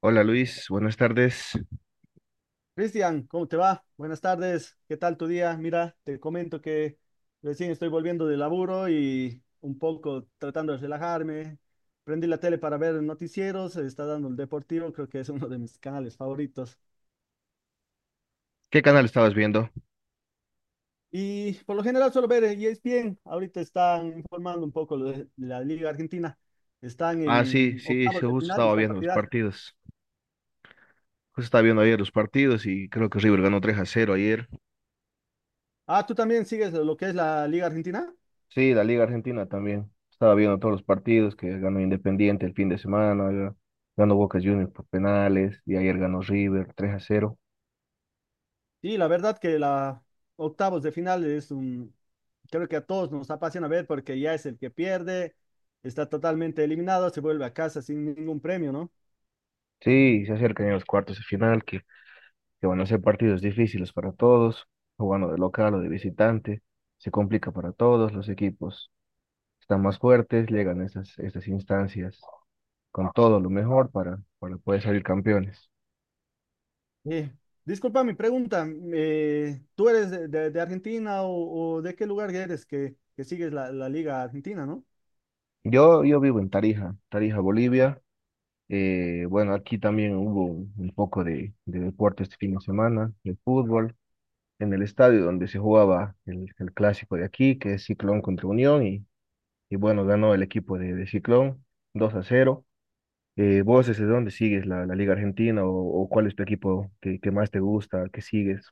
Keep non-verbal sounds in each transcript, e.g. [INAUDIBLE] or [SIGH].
Hola Luis, buenas tardes. Cristian, ¿cómo te va? Buenas tardes, ¿qué tal tu día? Mira, te comento que recién estoy volviendo de laburo y un poco tratando de relajarme. Prendí la tele para ver noticieros, se está dando el Deportivo, creo que es uno de mis canales favoritos. ¿Qué canal estabas viendo? Y por lo general suelo ver ESPN, ahorita están informando un poco lo de la Liga Argentina. Están Ah, sí, en sí, octavos sí, de justo final y estaba están viendo los partidas. partidos. Justo estaba viendo ayer los partidos y creo que River ganó 3 a cero ayer. Ah, ¿tú también sigues lo que es la Liga Argentina? Sí, la Liga Argentina también. Estaba viendo todos los partidos que ganó Independiente el fin de semana, ganó Boca Juniors por penales y ayer ganó River 3 a cero. Sí, la verdad que la octavos de final es un creo que a todos nos apasiona ver porque ya es el que pierde, está totalmente eliminado, se vuelve a casa sin ningún premio, ¿no? Sí, se acercan ya los cuartos de final que van a ser partidos difíciles para todos, jugando de local o de visitante. Se complica para todos los equipos. Están más fuertes, llegan a estas instancias con todo lo mejor para poder salir campeones. Eh, Disculpa mi pregunta, ¿tú eres de Argentina o de qué lugar eres que sigues la Liga Argentina, ¿no? Yo vivo en Tarija, Tarija, Bolivia. Bueno, aquí también hubo un poco de deporte este fin de semana, de fútbol, en el estadio donde se jugaba el clásico de aquí, que es Ciclón contra Unión, y bueno, ganó el equipo de Ciclón 2 a cero. ¿Vos desde dónde sigues la, la Liga Argentina o cuál es tu equipo que más te gusta, que sigues?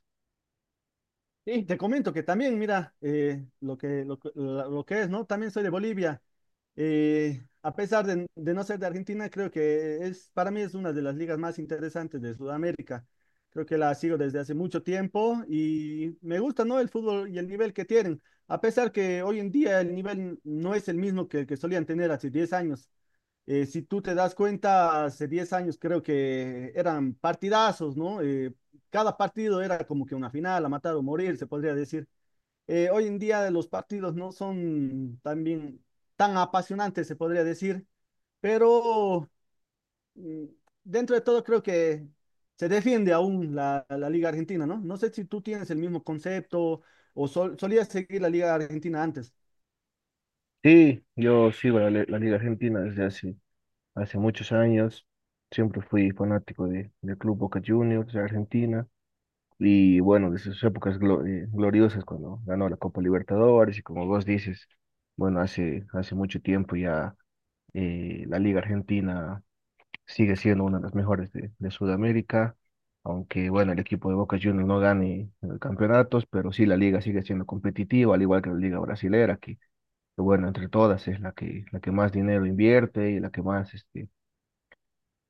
Y te comento que también, mira, lo que es, ¿no? También soy de Bolivia. A pesar de no ser de Argentina, creo que es, para mí es una de las ligas más interesantes de Sudamérica. Creo que la sigo desde hace mucho tiempo y me gusta, ¿no? El fútbol y el nivel que tienen. A pesar que hoy en día el nivel no es el mismo que el que solían tener hace 10 años. Si tú te das cuenta, hace 10 años creo que eran partidazos, ¿no? Cada partido era como que una final, a matar o morir, se podría decir. Hoy en día los partidos no son también tan apasionantes, se podría decir, pero mm, dentro de todo creo que se defiende aún la Liga Argentina, ¿no? No sé si tú tienes el mismo concepto o solías seguir la Liga Argentina antes. Sí, yo sigo la Liga Argentina desde hace. Hace muchos años siempre fui fanático de, del Club Boca Juniors de Argentina y bueno, de sus épocas gloriosas cuando ganó la Copa Libertadores y como vos dices, bueno, hace mucho tiempo ya, la Liga Argentina sigue siendo una de las mejores de Sudamérica, aunque bueno, el equipo de Boca Juniors no gane campeonatos, pero sí la liga sigue siendo competitiva, al igual que la Liga Brasilera, bueno, entre todas es la que más dinero invierte y la que más... Este,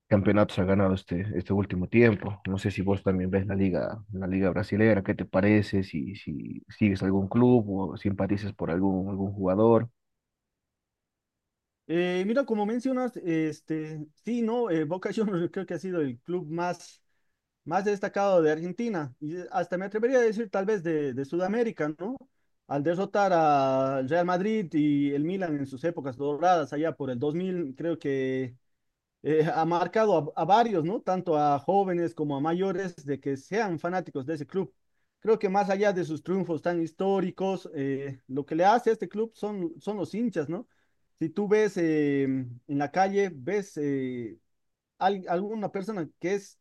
campeonatos ha ganado este último tiempo. No sé si vos también ves la liga brasilera, ¿qué te parece? Si, si sigues algún club o simpatizas por algún, algún jugador. Mira, como mencionas, este, sí, no, Boca Juniors [LAUGHS] creo que ha sido el club más destacado de Argentina y hasta me atrevería a decir tal vez de Sudamérica, ¿no? Al derrotar al Real Madrid y el Milan en sus épocas doradas allá por el 2000, creo que ha marcado a varios, ¿no? Tanto a jóvenes como a mayores de que sean fanáticos de ese club. Creo que más allá de sus triunfos tan históricos, lo que le hace a este club son los hinchas, ¿no? Si tú ves en la calle, ves alguna persona que es,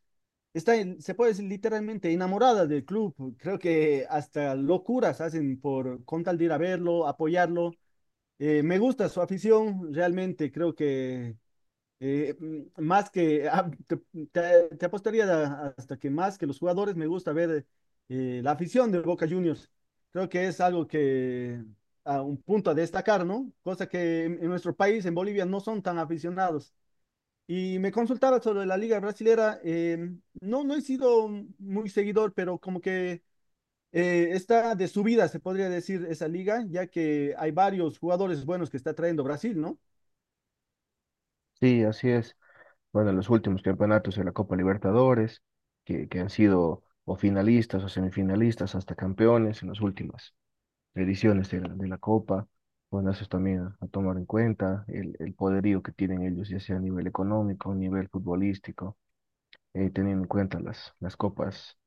está, en- se puede decir literalmente enamorada del club, creo que hasta locuras hacen por con tal de ir a verlo, apoyarlo. Me gusta su afición, realmente creo que más que [LAUGHS] ah, te apostaría hasta que más que los jugadores me gusta ver la afición de Boca Juniors. Creo que es algo que a un punto a destacar, ¿no? Cosa que en nuestro país, en Bolivia, no son tan aficionados. Y me consultaba sobre la Liga Brasilera. No, no he sido muy seguidor, pero como que está de subida, se podría decir, esa liga, ya que hay varios jugadores buenos que está trayendo Brasil, ¿no? Sí, así es. Bueno, los últimos campeonatos de la Copa Libertadores, que han sido o finalistas o semifinalistas hasta campeones en las últimas ediciones de la Copa. Bueno, eso es también a tomar en cuenta, el poderío que tienen ellos, ya sea a nivel económico, a nivel futbolístico, teniendo en cuenta las copas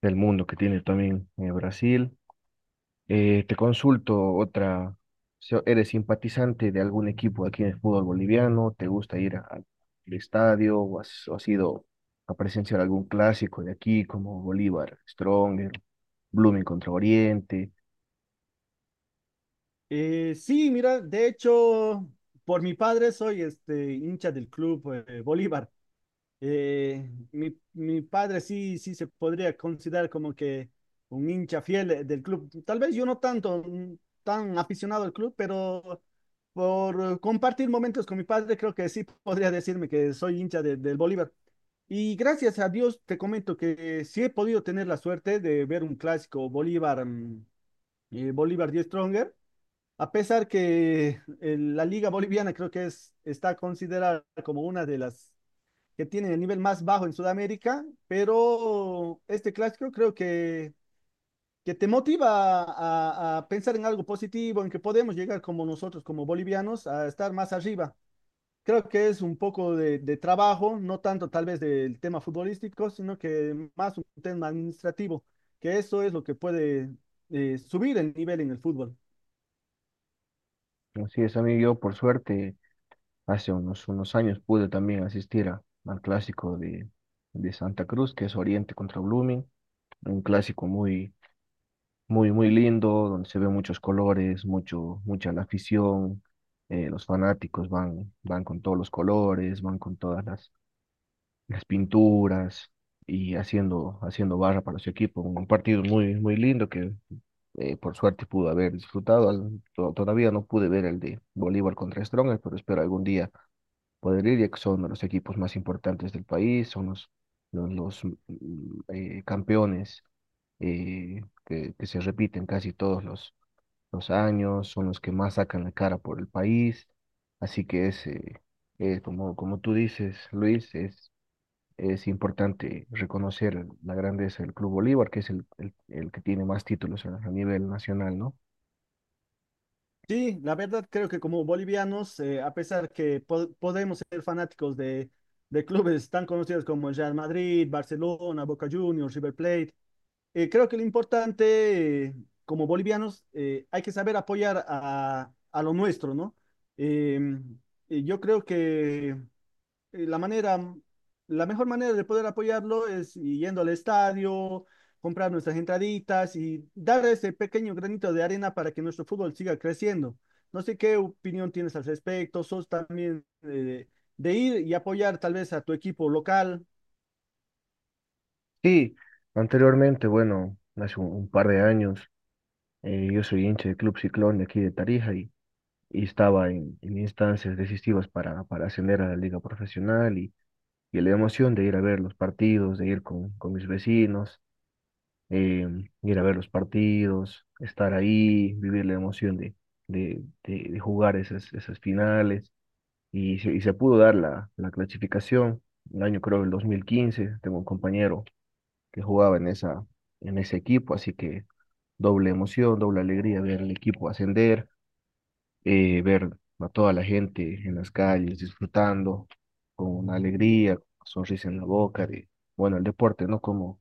del mundo que tiene también Brasil. Te consulto otra, si ¿eres simpatizante de algún equipo aquí en el fútbol boliviano? ¿Te gusta ir al estadio o has ido a presenciar algún clásico de aquí como Bolívar, Stronger, Blooming contra Oriente? Sí, mira, de hecho, por mi padre soy este hincha del club Bolívar. Mi padre sí, sí se podría considerar como que un hincha fiel del club. Tal vez yo no tanto, tan aficionado al club, pero por compartir momentos con mi padre, creo que sí podría decirme que soy hincha del Bolívar. Y gracias a Dios te comento que sí he podido tener la suerte de ver un clásico Bolívar, Bolívar Die Stronger. A pesar que la Liga Boliviana creo que está considerada como una de las que tienen el nivel más bajo en Sudamérica, pero este clásico creo que te motiva a pensar en algo positivo, en que podemos llegar como nosotros, como bolivianos, a estar más arriba. Creo que es un poco de trabajo, no tanto tal vez del tema futbolístico, sino que más un tema administrativo, que eso es lo que puede subir el nivel en el fútbol. Así es, amigo, yo por suerte unos años pude también asistir al clásico de Santa Cruz, que es Oriente contra Blooming, un clásico muy lindo, donde se ve muchos colores, mucha la afición, los fanáticos van, van con todos los colores, van con todas las pinturas y haciendo barra para su equipo. Un partido muy, muy lindo que por suerte pudo haber disfrutado. Todavía no pude ver el de Bolívar contra Strongest, pero espero algún día poder ir, ya que son de los equipos más importantes del país, son los, campeones que se repiten casi todos los años, son los que más sacan la cara por el país. Así que es, como, como tú dices, Luis, es importante reconocer la grandeza del Club Bolívar, que es el que tiene más títulos a nivel nacional, ¿no? Sí, la verdad creo que como bolivianos, a pesar que podemos ser fanáticos de clubes tan conocidos como el Real Madrid, Barcelona, Boca Juniors, River Plate, creo que lo importante como bolivianos hay que saber apoyar a lo nuestro, ¿no? Em, y yo creo que eh, la manera, la mejor manera de poder apoyarlo es yendo al estadio, comprar nuestras entraditas y dar ese pequeño granito de arena para que nuestro fútbol siga creciendo. No sé qué opinión tienes al respecto, sos también de ir y apoyar tal vez a tu equipo local. Sí, anteriormente, bueno, hace un par de años, yo soy hincha del Club Ciclón de aquí de Tarija y estaba en instancias decisivas para ascender a la liga profesional y la emoción de ir a ver los partidos, de ir con mis vecinos, eh, ir a ver los partidos, estar ahí, vivir la emoción de jugar esas finales. Y se pudo dar la, la clasificación, el año creo el 2015, tengo un compañero que jugaba en esa, en ese equipo, así que doble emoción, doble alegría ver el equipo ascender, ver a toda la gente en las calles disfrutando con una alegría, con una sonrisa en la boca, de, bueno, el deporte, ¿no? Como,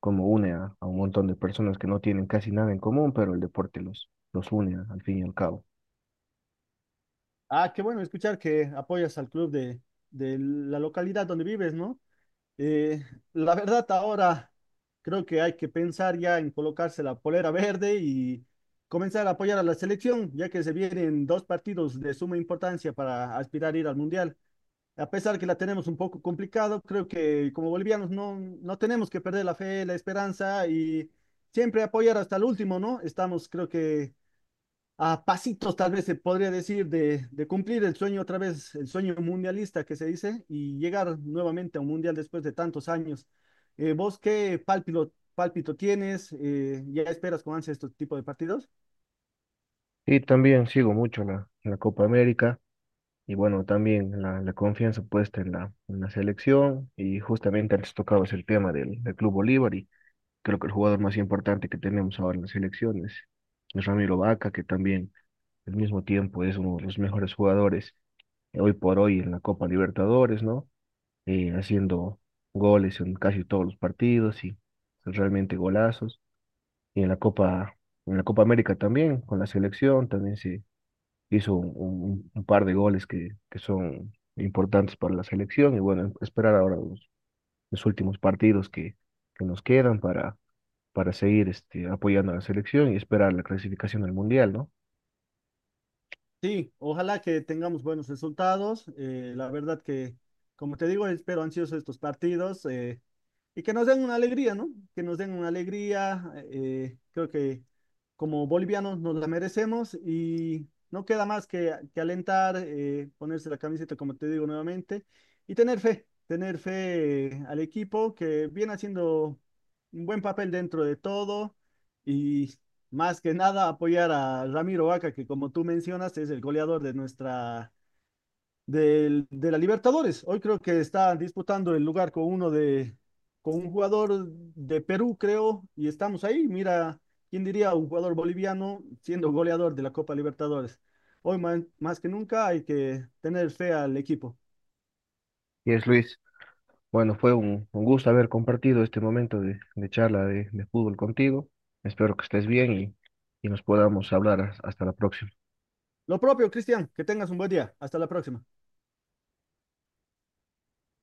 como une a un montón de personas que no tienen casi nada en común, pero el deporte los une al fin y al cabo. Ah, qué bueno escuchar que apoyas al club de la localidad donde vives, ¿no? Eh, la verdad, ahora creo que hay que pensar ya en colocarse la polera verde y comenzar a apoyar a la selección, ya que se vienen dos partidos de suma importancia para aspirar a ir al Mundial. A pesar que la tenemos un poco complicado, creo que como bolivianos no, no tenemos que perder la fe, la esperanza y siempre apoyar hasta el último, ¿no? Estamos, creo que a pasitos, tal vez se podría decir, de cumplir el sueño otra vez, el sueño mundialista que se dice, y llegar nuevamente a un mundial después de tantos años. ¿Vos qué pálpito, pálpito tienes? ¿Ya esperas con ansia este tipo de partidos? Y también sigo mucho la, la Copa América y bueno, también la confianza puesta en la selección y justamente antes tocabas el tema del, del Club Bolívar y creo que el jugador más importante que tenemos ahora en la selección es Ramiro Vaca, que también al mismo tiempo es uno de los mejores jugadores, hoy por hoy en la Copa Libertadores, ¿no? Haciendo goles en casi todos los partidos y realmente golazos. Y en la Copa América también, con la selección, también se hizo un par de goles que son importantes para la selección. Y bueno, esperar ahora los últimos partidos que nos quedan para seguir este, apoyando a la selección y esperar la clasificación al Mundial, ¿no? Sí, ojalá que tengamos buenos resultados. La verdad que, como te digo, espero ansioso estos partidos. Y que nos den una alegría, ¿no? Que nos den una alegría. Creo que como bolivianos nos la merecemos y no queda más que alentar, ponerse la camiseta, como te digo nuevamente, y tener fe al equipo que viene haciendo un buen papel dentro de todo y más que nada apoyar a Ramiro Vaca, que como tú mencionas es el goleador de la Libertadores. Hoy creo que está disputando el lugar con un jugador de Perú, creo, y estamos ahí. Mira, ¿quién diría un jugador boliviano siendo goleador de la Copa Libertadores? Hoy más, más que nunca hay que tener fe al equipo. Y es Luis. Bueno, fue un gusto haber compartido este momento de charla de fútbol contigo. Espero que estés bien y nos podamos hablar hasta la próxima. Lo propio, Cristian, que tengas un buen día. Hasta la próxima.